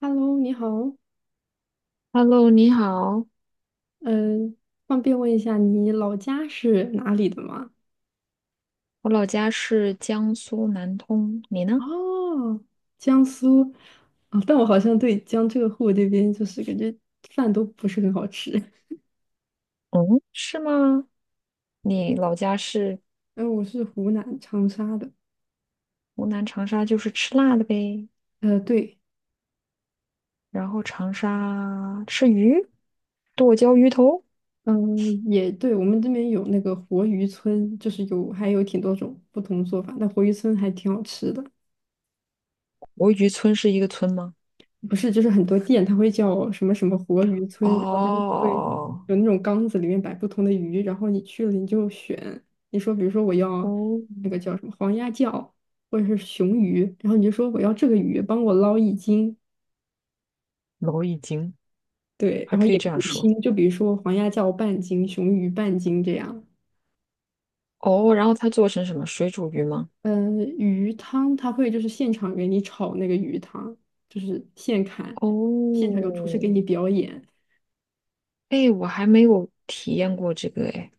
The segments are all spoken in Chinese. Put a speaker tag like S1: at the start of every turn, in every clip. S1: Hello,你好。
S2: Hello，你好，
S1: 嗯，方便问一下你老家是哪里的吗？
S2: 我老家是江苏南通，你呢？
S1: 哦，江苏，啊，但我好像对江浙沪这边就是感觉饭都不是很好吃。
S2: 嗯，是吗？你老家是
S1: 嗯，我是湖南长沙的。
S2: 湖南长沙，就是吃辣的呗。
S1: 对。
S2: 然后长沙吃鱼，剁椒鱼头。
S1: 嗯，也对，我们这边有那个活鱼村，就是有还有挺多种不同做法，但活鱼村还挺好吃的。
S2: 国鱼村是一个村吗？
S1: 不是，就是很多店它会叫什么什么活鱼村，然后它就会
S2: 哦，
S1: 有那种缸子里面摆不同的鱼，然后你去了你就选，你说比如说我要
S2: 哦，
S1: 那个叫什么黄鸭叫或者是雄鱼，然后你就说我要这个鱼，帮我捞一斤。
S2: 老已经
S1: 对，
S2: 还
S1: 然后
S2: 可
S1: 也
S2: 以
S1: 可
S2: 这样
S1: 以
S2: 说。
S1: 拼，就比如说黄鸭叫半斤，雄鱼半斤这样。
S2: 哦，然后它做成什么？水煮鱼吗？
S1: 嗯，鱼汤它会就是现场给你炒那个鱼汤，就是现砍，现场有厨师给
S2: 哦，
S1: 你表演，
S2: 哎，我还没有体验过这个哎。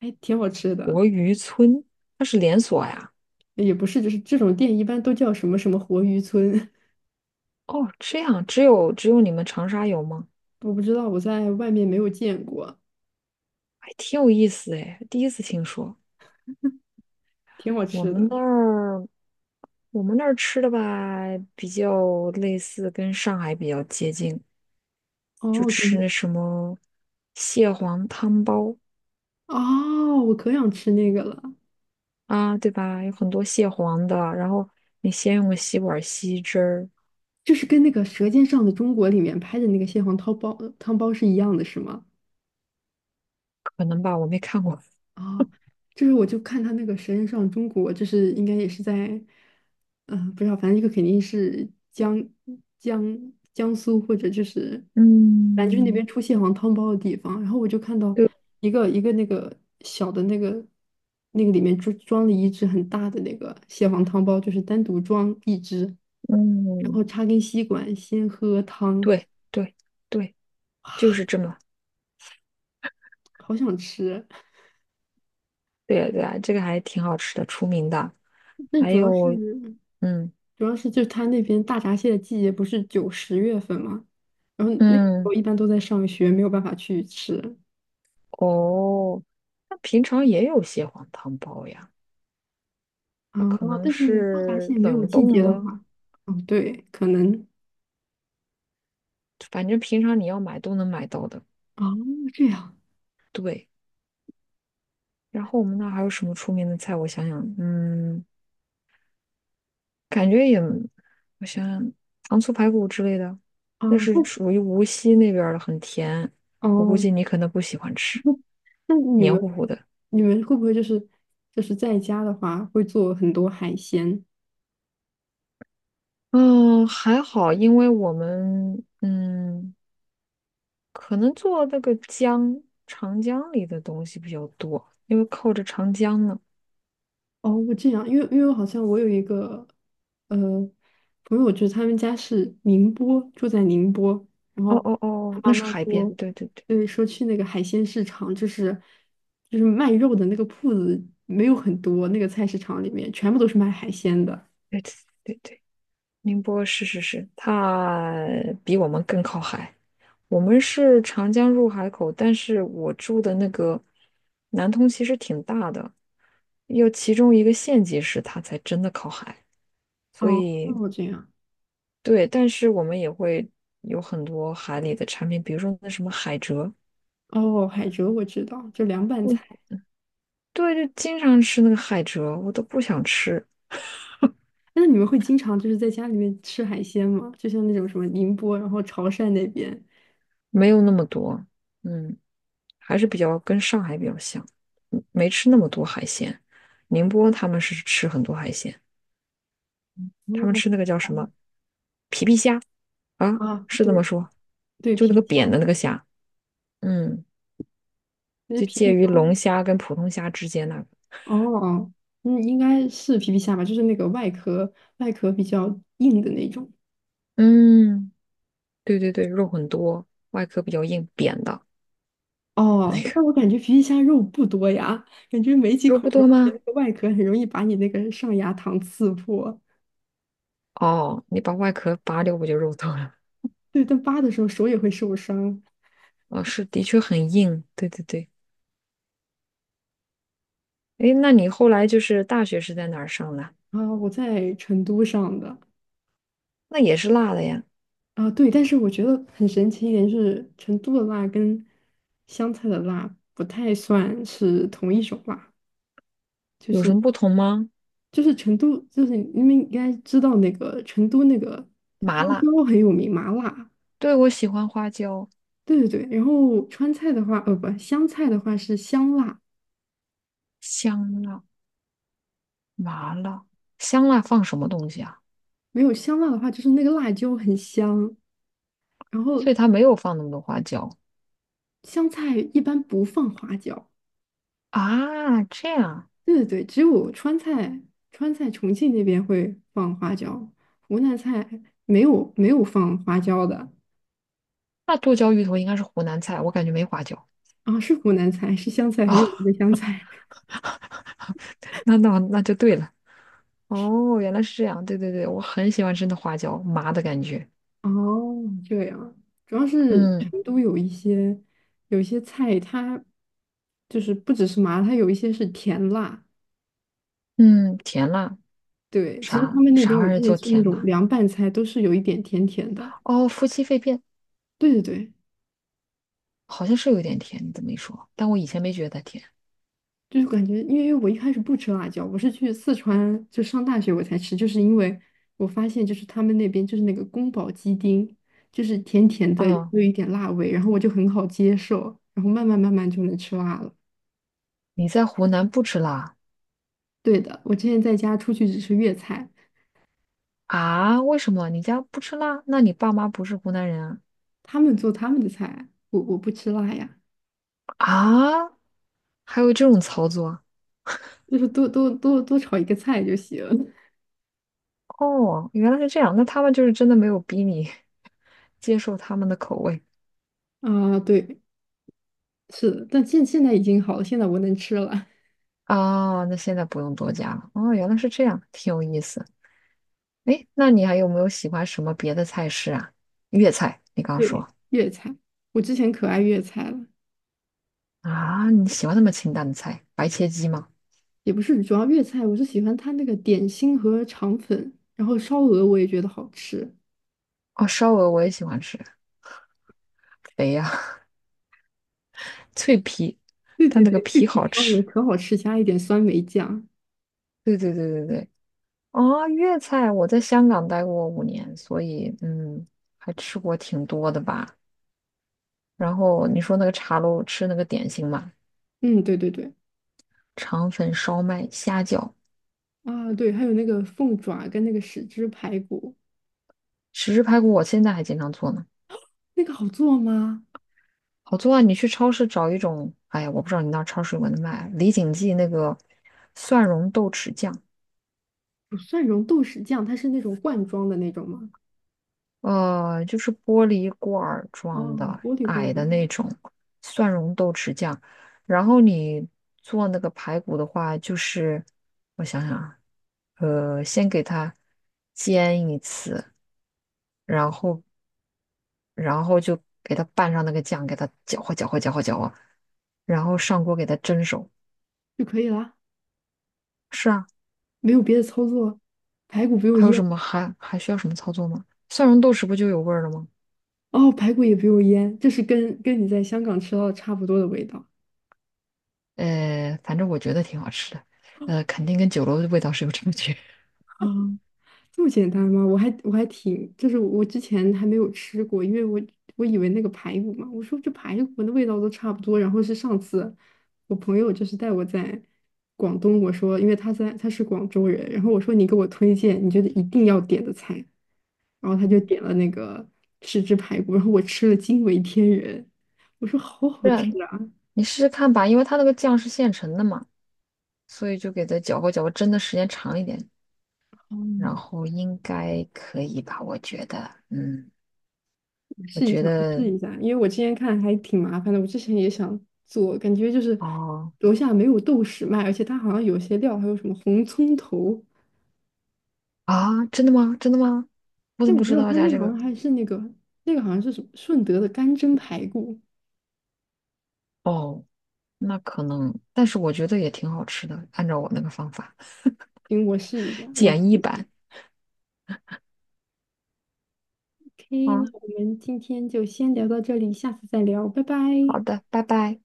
S1: 还挺好吃的。
S2: 活鱼村，它是连锁呀。
S1: 也不是，就是这种店一般都叫什么什么活鱼村。
S2: 哦，这样只有你们长沙有吗？
S1: 我不知道，我在外面没有见过，
S2: 还挺有意思哎，第一次听说。
S1: 挺好
S2: 我
S1: 吃
S2: 们
S1: 的。
S2: 那儿，我们那儿吃的吧，比较类似，跟上海比较接近，就
S1: 哦，可
S2: 吃
S1: 能
S2: 那什么蟹黄汤包
S1: 哦，我可想吃那个了。
S2: 啊，对吧？有很多蟹黄的，然后你先用个吸管吸汁儿，
S1: 就是跟那个《舌尖上的中国》里面拍的那个蟹黄汤包是一样的，是吗？
S2: 可能吧，我没看过。
S1: 哦，就是我就看他那个《舌尖上的中国》，就是应该也是在，不知道，反正一个肯定是江苏或者就是反正就是那
S2: 嗯，
S1: 边出蟹黄汤包的地方。然后我就看到
S2: 对，
S1: 一个那个小的那个那个里面装了一只很大的那个蟹黄汤包，就是单独装一只，然
S2: 嗯，
S1: 后插根吸管先喝汤。
S2: 对对对，就是这么。
S1: 好想吃。
S2: 对呀对呀，这个还挺好吃的，出名的。
S1: 但
S2: 还有，嗯
S1: 主要是就他那边大闸蟹的季节不是九十月份嘛，然后那个时候
S2: 嗯，
S1: 一般都在上学，没有办法去吃
S2: 哦，那平常也有蟹黄汤包呀，
S1: 啊。
S2: 它可能
S1: 但是大闸
S2: 是
S1: 蟹没有
S2: 冷
S1: 季
S2: 冻
S1: 节的
S2: 的，
S1: 话，哦，对，可能。
S2: 反正平常你要买都能买到的。
S1: 哦这样
S2: 对，然后我们那儿还有什么出名的菜？我想想，嗯，感觉也，我想想，糖醋排骨之类的，
S1: 啊，
S2: 那是
S1: 那
S2: 属于无锡那边儿的，很甜，我估
S1: 哦，
S2: 计你可能不喜欢吃，
S1: 那那你
S2: 黏
S1: 们
S2: 糊糊的。
S1: 你们会不会就是就是在家的话会做很多海鲜。
S2: 嗯，还好，因为我们嗯，可能做那个江长江里的东西比较多，因为靠着长江呢。
S1: 哦，这样，因为因为好像我有一个呃朋友，就是他们家是宁波，住在宁波，然
S2: 哦
S1: 后
S2: 哦
S1: 他
S2: 哦，
S1: 妈
S2: 那是
S1: 妈
S2: 海边，
S1: 说，
S2: 对对对
S1: 对，说去那个海鲜市场，就是就是卖肉的那个铺子没有很多，那个菜市场里面全部都是卖海鲜的。
S2: 对对对对，宁波是是是，它比我们更靠海。我们是长江入海口，但是我住的那个南通其实挺大的，要其中一个县级市，它才真的靠海。所
S1: 哦，
S2: 以
S1: 哦，这样。
S2: 对，但是我们也会有很多海里的产品，比如说那什么海蜇，
S1: 哦，海蜇我知道，就凉拌
S2: 我
S1: 菜。
S2: 对，就经常吃那个海蜇，我都不想吃，
S1: 那你们会经常就是在家里面吃海鲜吗？就像那种什么宁波，然后潮汕那边。
S2: 没有那么多，嗯，还是比较跟上海比较像，嗯没吃那么多海鲜。宁波他们是吃很多海鲜，他们
S1: 哦，
S2: 吃那个叫什么啊？
S1: 啊，
S2: 是这么
S1: 对
S2: 说，
S1: 对，
S2: 就那
S1: 皮
S2: 个
S1: 皮
S2: 扁
S1: 虾。
S2: 的那个虾，嗯，
S1: 那实
S2: 就
S1: 皮皮
S2: 介
S1: 虾
S2: 于龙虾跟普通虾之间那个，
S1: 哦，嗯，应该是皮皮虾吧，就是那个外壳比较硬的那种。
S2: 嗯，对对对，肉很多，外壳比较硬，扁的，
S1: 哦，但我感觉皮皮虾肉不多呀，感觉没几
S2: 肉不
S1: 口肉，
S2: 多
S1: 而且那
S2: 吗？
S1: 个外壳很容易把你那个上牙膛刺破。
S2: 哦，你把外壳拔掉不就肉豆了？
S1: 对，但扒的时候手也会受伤。
S2: 哦，是，的确很硬。对对对。诶，那你后来就是大学是在哪儿上的？
S1: 啊，我在成都上的。
S2: 那也是辣的呀，
S1: 啊，对，但是我觉得很神奇一点就是，成都的辣跟湘菜的辣不太算是同一种辣。就
S2: 有什
S1: 是。
S2: 么不同吗？
S1: 就是成都，就是你们应该知道那个成都那个
S2: 麻
S1: 花
S2: 辣，
S1: 椒很有名，麻辣。
S2: 对，我喜欢花椒、
S1: 对对对，然后川菜的话，呃，不，湘菜的话是香辣，
S2: 香辣、麻辣。香辣放什么东西啊？
S1: 没有香辣的话就是那个辣椒很香。然后
S2: 所以它没有放那么多花椒
S1: 湘菜一般不放花椒，
S2: 啊。这样，
S1: 对对对，只有川菜，川菜重庆那边会放花椒，湖南菜没有放花椒的。
S2: 那剁椒鱼头应该是湖南菜，我感觉没花椒。
S1: 啊，是湖南菜，是湘菜，很有名的
S2: 哦，
S1: 湘菜。
S2: 那就对了。哦，原来是这样。对对对，我很喜欢吃那花椒麻的感觉。
S1: 哦，这样，主要是
S2: 嗯
S1: 成都有一些菜，它就是不只是麻，它有一些是甜辣。
S2: 嗯，甜辣，
S1: 对，其实他
S2: 啥
S1: 们那边
S2: 啥
S1: 我
S2: 玩意儿
S1: 之前
S2: 叫
S1: 吃那
S2: 甜
S1: 种
S2: 辣？
S1: 凉拌菜，都是有一点甜甜的。
S2: 哦，夫妻肺片
S1: 对对对，
S2: 好像是有点甜，你这么一说，但我以前没觉得它甜。
S1: 就是感觉，因为我一开始不吃辣椒，我是去四川就上大学我才吃，就是因为我发现就是他们那边就是那个宫保鸡丁，就是甜甜的，
S2: 哦，
S1: 又有一点辣味，然后我就很好接受，然后慢慢就能吃辣了。
S2: 你在湖南不吃辣
S1: 对的，我之前在家出去只吃粤菜，
S2: 啊？为什么？你家不吃辣？那你爸妈不是湖南人啊？
S1: 他们做他们的菜，我不吃辣呀，
S2: 啊？还有这种操作啊？
S1: 就是多炒一个菜就行。
S2: 哦，原来是这样，那他们就是真的没有逼你 接受他们的口味
S1: 啊，对，是的，但现在已经好了，现在我能吃了。
S2: 啊。那现在不用多加了。哦，原来是这样，挺有意思。哎，那你还有没有喜欢什么别的菜式啊？粤菜，你刚说。
S1: 对，粤菜，我之前可爱粤菜了，
S2: 啊，你喜欢那么清淡的菜？白切鸡吗？
S1: 也不是主要粤菜，我是喜欢它那个点心和肠粉，然后烧鹅我也觉得好吃。
S2: 哦，烧鹅我也喜欢吃，肥呀、脆皮，
S1: 对
S2: 但
S1: 对
S2: 那个
S1: 对，脆
S2: 皮
S1: 皮
S2: 好
S1: 烧鹅
S2: 吃。
S1: 可好吃，加一点酸梅酱。
S2: 对对对对对。哦，粤菜我在香港待过5年，所以嗯，还吃过挺多的吧。然后你说那个茶楼吃那个点心嘛，
S1: 嗯，对对对，
S2: 肠粉、烧麦、虾饺、
S1: 啊对，还有那个凤爪跟那个豉汁排骨。
S2: 豉汁排骨，我现在还经常做呢。
S1: 那个好做吗？
S2: 好做啊！你去超市找一种，哎呀，我不知道你那儿超市有没有卖李锦记那个蒜蓉豆豉酱，
S1: 有蒜蓉豆豉酱，它是那种罐装的那种吗？
S2: 就是玻璃罐儿
S1: 哦，
S2: 装的，
S1: 玻璃罐
S2: 矮的
S1: 装
S2: 那种蒜蓉豆豉酱。然后你做那个排骨的话，就是我想想啊，先给它煎一次，然后然后就给它拌上那个酱，给它搅和搅和搅和搅和，然后上锅给它蒸熟。
S1: 就可以啦，
S2: 是啊，
S1: 没有别的操作。排骨不用
S2: 还有什
S1: 腌，
S2: 么还需要什么操作吗？蒜蓉豆豉不就有味儿了吗？
S1: 哦，排骨也不用腌，这是跟你在香港吃到的差不多的味道。
S2: 反正我觉得挺好吃的，肯定跟酒楼的味道是有差距。
S1: 啊，这么简单吗？我还挺，就是我之前还没有吃过，因为我以为那个排骨嘛，我说这排骨的味道都差不多。然后是上次我朋友就是带我在广东，我说因为他是广州人，然后我说你给我推荐你觉得一定要点的菜，然后他就点了那个豉汁排骨，然后我吃了惊为天人，我说好
S2: 不
S1: 好吃
S2: 然
S1: 啊！
S2: 你试试看吧，因为它那个酱是现成的嘛，所以就给它搅和搅和，蒸的时间长一点，然
S1: 嗯，
S2: 后应该可以吧？我觉得，嗯，
S1: 我
S2: 我
S1: 试一
S2: 觉
S1: 下，我
S2: 得，
S1: 试一下，因为我之前看还挺麻烦的，我之前也想做，感觉就是
S2: 哦，
S1: 楼下没有豆豉卖，而且它好像有些料还有什么红葱头，
S2: 啊，真的吗？真的吗？我怎
S1: 但
S2: 么
S1: 我
S2: 不
S1: 不
S2: 知
S1: 知道
S2: 道
S1: 它
S2: 加
S1: 那个
S2: 这
S1: 好像
S2: 个？
S1: 还是那个好像是什么顺德的干蒸排骨，
S2: 哦，那可能，但是我觉得也挺好吃的，按照我那个方法，
S1: 行，我试一下，我
S2: 简易版。
S1: OK,
S2: 啊，
S1: 那我们今天就先聊到这里，下次再聊，拜拜。
S2: 好的，拜拜。